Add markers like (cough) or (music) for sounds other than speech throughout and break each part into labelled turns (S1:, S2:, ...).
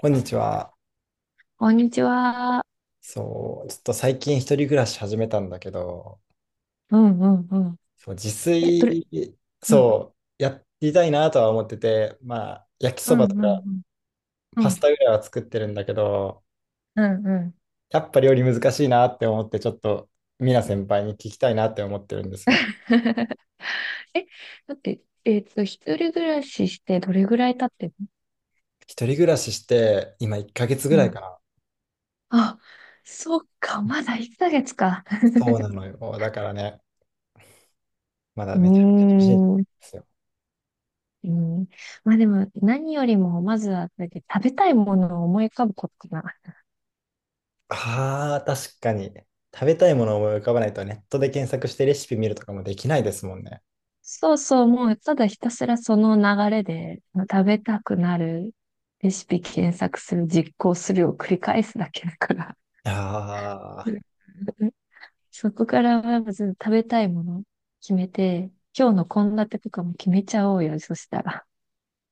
S1: こんにちは。
S2: こんにちは。
S1: そう、ちょっと最近一人暮らし始めたんだけど、
S2: うんうんうん。
S1: そう、自
S2: え、どれ、
S1: 炊、
S2: うん、
S1: そう、やりたいなとは思ってて、まあ、焼き
S2: う
S1: そ
S2: ん
S1: ばと
S2: う
S1: か
S2: んう
S1: パ
S2: ん。うん、
S1: スタぐらいは作ってるんだけど、
S2: うんうん。
S1: やっぱ料理難しいなって思って、ちょっと、みな先輩に聞きたいなって思ってるんですよ。
S2: (laughs) え、だって、一人暮らししてどれぐらい経ってるの？
S1: 一人暮らしして、今1ヶ月ぐ
S2: う
S1: らい
S2: ん。
S1: かな。
S2: あ、そっか、まだ1ヶ月か。
S1: そうなのよ。だからね、まだ
S2: う
S1: めちゃめちゃ
S2: ー
S1: 楽しいんで
S2: ん。
S1: すよ。
S2: うん。まあでも、何よりも、まずは、だって食べたいものを思い浮かぶことかな。
S1: ああ、確かに。食べたいものを思い浮かばないと、ネットで検索してレシピ見るとかもできないですもんね。
S2: そうそう、もう、ただひたすらその流れで、食べたくなるレシピ検索する、実行するを繰り返すだけだから。う
S1: ああ、
S2: んうん、そこからはまず食べたいもの決めて、今日の献立とかも決めちゃおうよ、そしたら。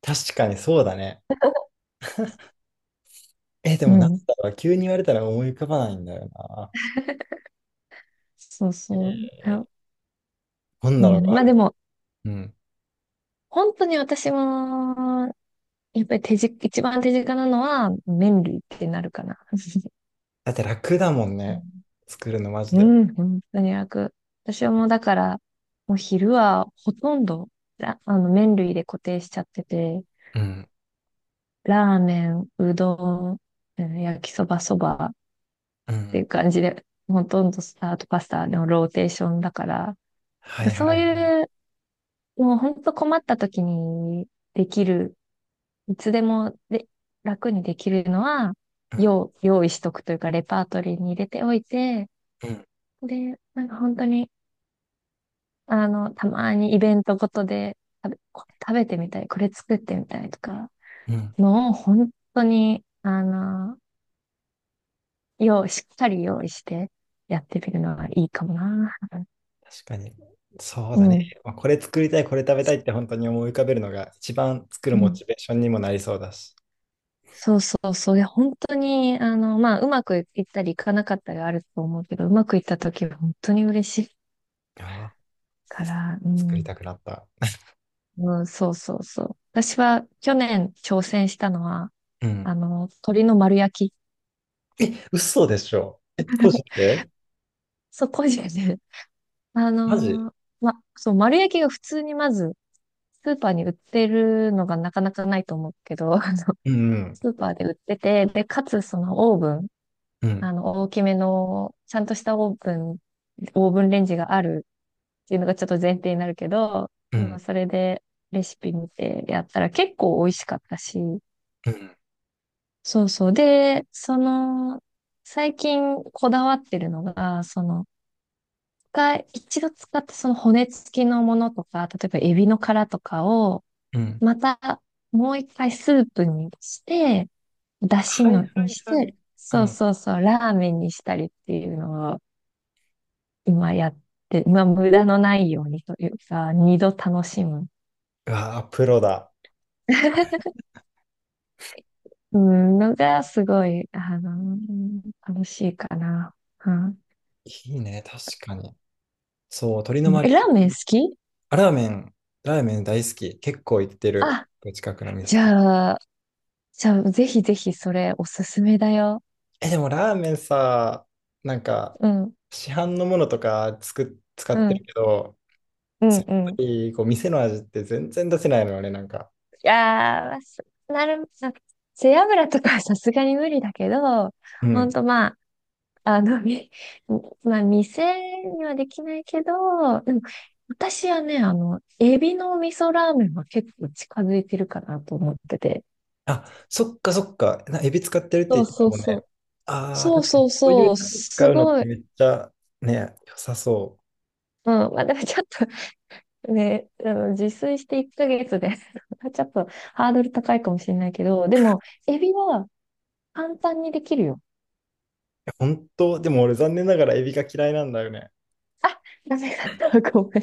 S1: 確かにそうだね。え、で
S2: う
S1: もなん
S2: ん。
S1: だろう、急に言われたら思い浮かばないんだよな。
S2: そう
S1: え
S2: そう。
S1: ー
S2: あ、
S1: どん
S2: う
S1: なの
S2: ん。
S1: があ
S2: まあ
S1: る？
S2: でも、
S1: うん。
S2: 本当に私も、やっぱり手近、一番手近なのは麺類ってなるかな。(laughs)
S1: だって楽だもんね。作るのマジ
S2: う
S1: で。
S2: ん、うん本当に楽。私はもうだから、もう昼はほとんど、ら麺類で固定しちゃってて、
S1: うん。
S2: ラーメン、うどん、うん焼きそば、そば、っ
S1: う
S2: てい
S1: ん。
S2: う感じで、ほとんどスタートパスタのローテーションだから、
S1: はい
S2: そ
S1: は
S2: う
S1: いはい。
S2: いう、もう本当困った時にできる、いつでもで楽にできるのは、
S1: うん。
S2: 用、用意しとくというか、レパートリーに入れておいて、
S1: うん。
S2: で、なんか本当に、たまにイベントごとで食べ、食べてみたい、これ作ってみたいとか、
S1: うん。
S2: もう本当に、用、しっかり用意してやってみるのはいいかもな。
S1: 確かに。そう
S2: う
S1: だね。
S2: ん。
S1: まあ、これ作りたい、これ食べたいって本当に思い浮かべるのが一番作る
S2: う
S1: モ
S2: ん
S1: チベーションにもなりそうだし。
S2: そうそうそう。いや、本当に、まあ、うまくいったりいかなかったりあると思うけど、うまくいった時は本当に嬉しい
S1: ああ、え、
S2: から、う
S1: 作り
S2: ん。
S1: たくなった。
S2: うん、そうそうそう。私は去年挑戦したのは、
S1: うん。
S2: 鶏の丸焼き。
S1: え、嘘でしょ？え、個人
S2: (laughs)
S1: で？
S2: そこでね、(laughs) あ
S1: マジ？
S2: の、ま、そう、丸焼きが普通にまず、スーパーに売ってるのがなかなかないと思うけど、(laughs)
S1: うん
S2: スーパーで売ってて、で、かつそのオーブン、
S1: うん。うん。
S2: 大きめの、ちゃんとしたオーブン、オーブンレンジがあるっていうのがちょっと前提になるけど、
S1: う
S2: 今
S1: ん。
S2: それでレシピ見てやったら結構美味しかったし、
S1: うん
S2: そうそう。で、その、最近こだわってるのが、その、使い一度使ったその骨付きのものとか、例えばエビの殻とかを、
S1: うん。
S2: またもう一回スープにして、だし
S1: はいは
S2: のにし
S1: いはい。
S2: て、
S1: う
S2: そう
S1: ん。
S2: そうそう、ラーメンにしたりっていうのを今やって、まあ無駄のないようにというか、二度楽しむ
S1: うわあ、プロだ。
S2: (laughs) うん、のがすごい、楽しいかな。うん。
S1: いいね、確かに。そう、鶏の
S2: う
S1: マ
S2: え、
S1: リ
S2: ラーメン好き、
S1: ア。あラーメン大好き。結構行ってる。
S2: あ、
S1: 近くの店
S2: じ
S1: と。
S2: ゃあ、じゃあ、ぜひぜひそれおすすめだよ。
S1: え、でもラーメンさ、なんか、
S2: うん、
S1: 市販のものとか使
S2: う
S1: ってる
S2: ん、
S1: けど、
S2: うん、
S1: やっ
S2: う
S1: ぱ
S2: ん。
S1: りこう店の味って全然出せないのよね、なんか。
S2: いやー、すなる、なんか背脂とかはさすがに無理だけど、
S1: う
S2: ほん
S1: ん。
S2: とまあ、あの、み、まあ、店にはできないけど、でも、私はね、エビの味噌ラーメンは結構近づいてるかなと思ってて。
S1: あ、そっかそっか。エビ使ってるっ
S2: そ
S1: て言っ
S2: う
S1: てた
S2: そう
S1: もん
S2: そ
S1: ね。
S2: う。
S1: ああ、
S2: そう
S1: 確かに
S2: そう
S1: そういう
S2: そう、
S1: だし使
S2: す
S1: うのっ
S2: ご
S1: て
S2: い。
S1: めっちゃね、良さそう。
S2: うん、まあでもちょっとね、自炊して1ヶ月で (laughs) ちょっとハードル高いかもしれないけど、でも、エビは簡単にできるよ。
S1: 本当でも俺残念ながらエビが嫌いなんだよね。
S2: あ、ダメだった。ごめん。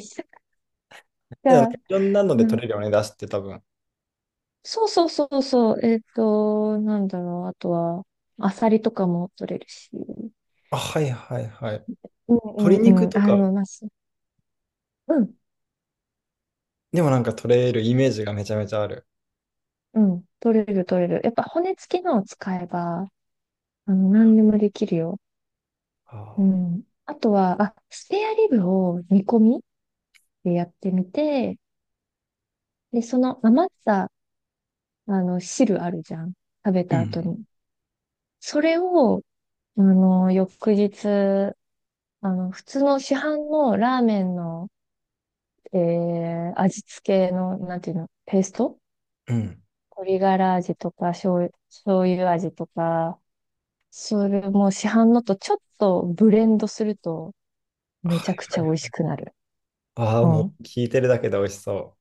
S1: けどなんか
S2: が、
S1: いろんなの
S2: う
S1: で取れ
S2: ん
S1: るよね、出汁って多分。
S2: そうそうそうそう、なんだろう、あとは、アサリとかも取れるし。
S1: あ、はいはいはい。
S2: うん
S1: 鶏
S2: うん
S1: 肉
S2: うん。
S1: と
S2: あ、で
S1: か
S2: もまあ、すうん、
S1: でもなんか取れるイメージがめちゃめちゃある。
S2: うん。取れる取れる。やっぱ骨付きのを使えば、何でもできるよ。
S1: あ
S2: う
S1: ー、
S2: ん。あとは、あ、スペアリブを煮込みでやってみて、で、その余った、汁あるじゃん。食べ
S1: う
S2: た後
S1: ん。
S2: に。それを、翌日、普通の市販のラーメンの、味付けの、なんていうの、ペースト
S1: うん。
S2: 鶏ガラ味とか、醤油味とか、それも市販のとちょっとブレンドすると、
S1: は
S2: めちゃくち
S1: い
S2: ゃ美味
S1: は
S2: し
S1: い。
S2: くなる。
S1: ああ、
S2: う
S1: も
S2: ん。
S1: う聞いてるだけで美味しそ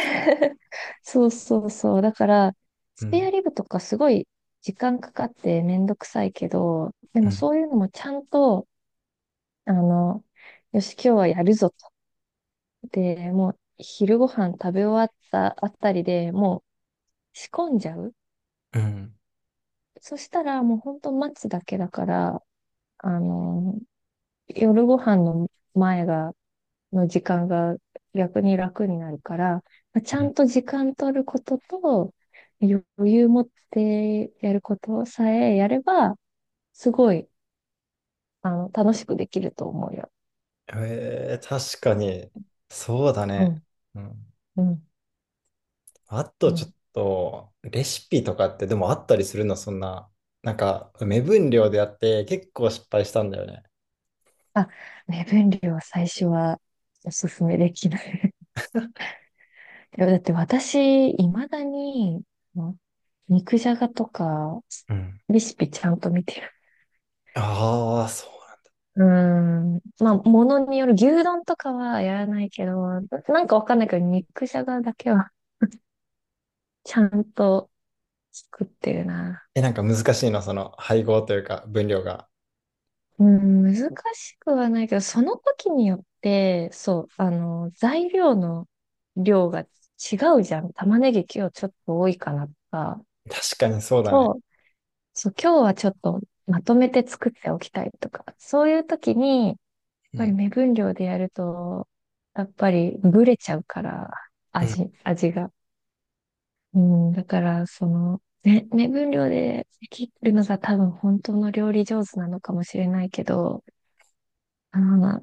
S2: (laughs) そうそうそう。だから、
S1: う。
S2: ス
S1: う
S2: ペア
S1: ん。
S2: リブとかすごい時間かかってめんどくさいけど、で
S1: う
S2: も
S1: ん。
S2: そういうのもちゃんと、あの、よし、今日はやるぞと。で、もう昼ご飯食べ終わったあたりでもう仕込んじゃう。
S1: うん。
S2: そしたらもうほんと待つだけだから、あの、夜ご飯の前がの時間が逆に楽になるから、まあち
S1: う
S2: ゃ
S1: ん。
S2: んと時間取ることと、余裕持ってやることさえやれば、すごい、楽しくできると思うよ。
S1: えー、確かに。そうだ
S2: う
S1: ね。
S2: ん、
S1: うん。
S2: うん、
S1: あ
S2: う
S1: とちょっ
S2: ん。
S1: と、レシピとかってでもあったりするの、そんな。なんか、目分量でやって結構失敗したんだよね。
S2: あ、目分量は最初はおすすめできない。(laughs) いやだって私、未だに、あの肉じゃがとか、
S1: うん。
S2: レシピちゃんと見て、
S1: ああ、そうなんだ。
S2: うーん。まあ、ものによる、牛丼とかはやらないけど、な、なんかわかんないけど、肉じゃがだけは (laughs) ちゃんと作ってるな。
S1: え、なんか難しいの、その配合というか分量が。
S2: うん、難しくはないけど、その時によって、そう、材料の量が違うじゃん。玉ねぎ今日ちょっと多いかなとか、
S1: 確かにそうだね。
S2: 今日、そう、今日はちょっとまとめて作っておきたいとか、そういう時に、やっ
S1: う
S2: ぱり
S1: ん。
S2: 目分量でやると、やっぱりブレちゃうから、
S1: うん。
S2: 味が。うん、だから、その、ね、目分量で切るのが多分本当の料理上手なのかもしれないけど、あの、な、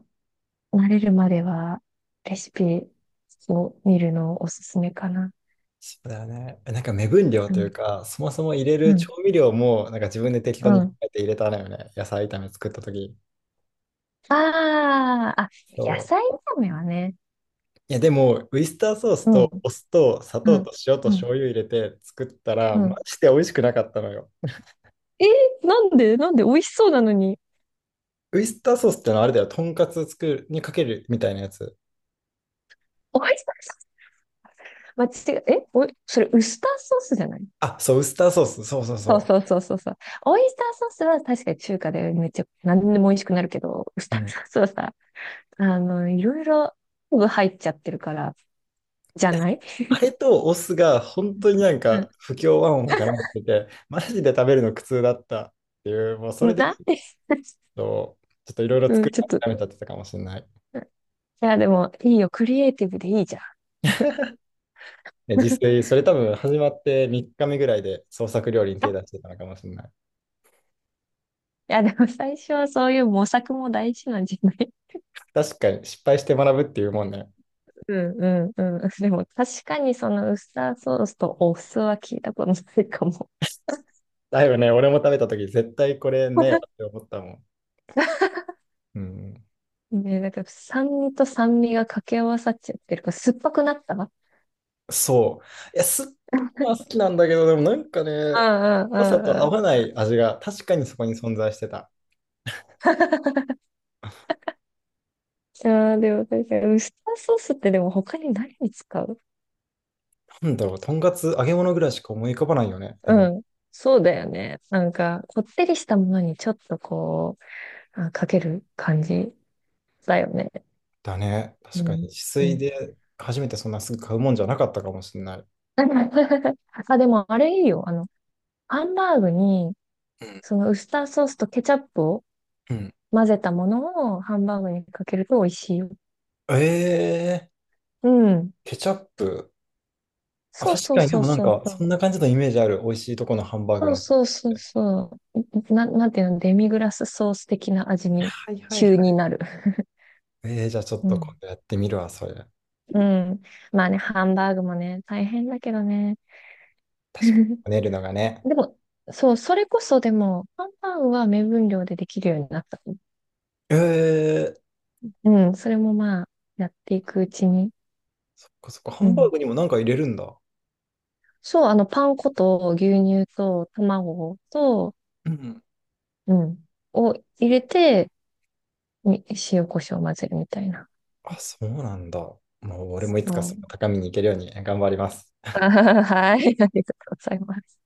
S2: 慣れるまではレシピを見るのおすすめかな。
S1: そうだよね。え、なんか目分量
S2: う
S1: という
S2: ん、
S1: か、そもそも入れ
S2: う
S1: る調
S2: ん、
S1: 味料も、なんか自分で適当
S2: う
S1: に考
S2: ん。
S1: えて入れたのよね。野菜炒め作った時。
S2: ああ、あ、
S1: そ
S2: 野菜
S1: う。
S2: 炒めはね。
S1: いや、でも、ウイスターソース
S2: う
S1: と
S2: ん、
S1: お酢と砂
S2: う
S1: 糖
S2: ん、
S1: と塩と
S2: うん、
S1: 醤油入れて作ったら、
S2: う
S1: マ
S2: ん。
S1: ジで美味しくなかったのよ。
S2: えー、なんでなんで美味しそうなのに。
S1: ウイスターソースってのはあれだよ。とんかつ作るにかけるみたいなやつ。
S2: 美味しそう。間違え、え、おい、それウスターソースじゃない？
S1: あ、そう、ウスターソース。そうそう
S2: そう
S1: そ
S2: そうそうそうそう。オイスターソースは確かに中華でめっちゃ何でも美味しくなるけど、ウス
S1: う。う
S2: ター
S1: ん。
S2: ソースはさ、いろいろ昆布入っちゃってるから、じゃない？
S1: あれとお酢が本当になん
S2: う
S1: か
S2: ん。
S1: 不協和音を絡めてて、マジで食べるの苦痛だったっていう、もうそれで
S2: な、
S1: とちょっといろいろ
S2: う
S1: 作
S2: ん、
S1: り
S2: ちょっと。
S1: 諦めちゃってたかもしれない。
S2: うん、いや、でもいいよ。クリエイティブでいいじゃん。
S1: で自
S2: (laughs)
S1: 炊、それ多分始まって3日目ぐらいで創作料理に
S2: あ、
S1: 手
S2: い
S1: 出してたのかもしれない。
S2: や、でも最初はそういう模索も大事なんじゃない？ (laughs)
S1: 確かに失敗して学ぶっていうもんね。
S2: うんうんうん。でも確かにそのウスターソースとお酢は聞いたことないかも。
S1: だいぶね、俺も食べた時絶対これねえわって
S2: (laughs)
S1: 思ったもん。うん。
S2: ね、なんか酸味と酸味が掛け合わさっちゃってるから、酸っぱくなった、
S1: そう。いや、酸っぱい
S2: あ
S1: のは好きなんだけど、でもなんかね、
S2: あ、
S1: 酸っ
S2: あ
S1: ぱさと合
S2: あ、
S1: わな
S2: ああ。
S1: い味が確かにそこに存在してた。
S2: ああ、でも確かに、ウスターソースってでも他に何に使う？
S1: なんだろう、とんかつ揚げ物ぐらいしか思い浮かばないよね。でも、
S2: うん。そうだよね。なんか、こってりしたものにちょっとこう、あ、かける感じだよね。
S1: だね。確
S2: う
S1: かに、
S2: ん。
S1: 自
S2: う
S1: 炊
S2: ん。
S1: で初めてそんなすぐ買うもんじゃなかったかもしれない。
S2: (laughs) あ、でもあれいいよ。ハンバーグに、
S1: うん。
S2: そのウスターソースとケチャップを
S1: うん。
S2: 混ぜたものをハンバーグにかけると美味しいよ。
S1: えー、
S2: うん。
S1: ケチャップ。あ、
S2: そう
S1: 確
S2: そ
S1: か
S2: う
S1: に、で
S2: そう
S1: もなん
S2: そう
S1: か、
S2: そ
S1: そ
S2: う。
S1: んな感じのイメージある。美味しいとこのハンバーグ
S2: そう
S1: のソース
S2: そうそう
S1: って。
S2: そう。な、なんていうの、デミグラスソース的な味に
S1: はいはい
S2: 急
S1: は
S2: に
S1: い。
S2: なる。
S1: えー、じゃあちょっ
S2: う
S1: と今
S2: ん。
S1: 度やってみるわ、それ。
S2: (laughs) うん。まあね、ハンバーグもね、大変だけどね。
S1: 確かに。
S2: (laughs)
S1: こねるのがね。
S2: でも、そう、それこそでも、ハンバーグは目分量でできるようになった。
S1: えー、
S2: うん、それもまあ、やっていくうちに。
S1: そっかそっか。ハ
S2: う
S1: ンバー
S2: ん。
S1: グにもなんか入れるんだ。
S2: そう、パン粉と牛乳と卵と、
S1: うん。
S2: うん、を入れて、に塩コショウを混ぜるみたいな。
S1: あ、そうなんだ。もう俺もいつ
S2: そ
S1: かそ
S2: う。
S1: の高みに行けるように頑張ります。
S2: (laughs) あーはい、ありがとうございます。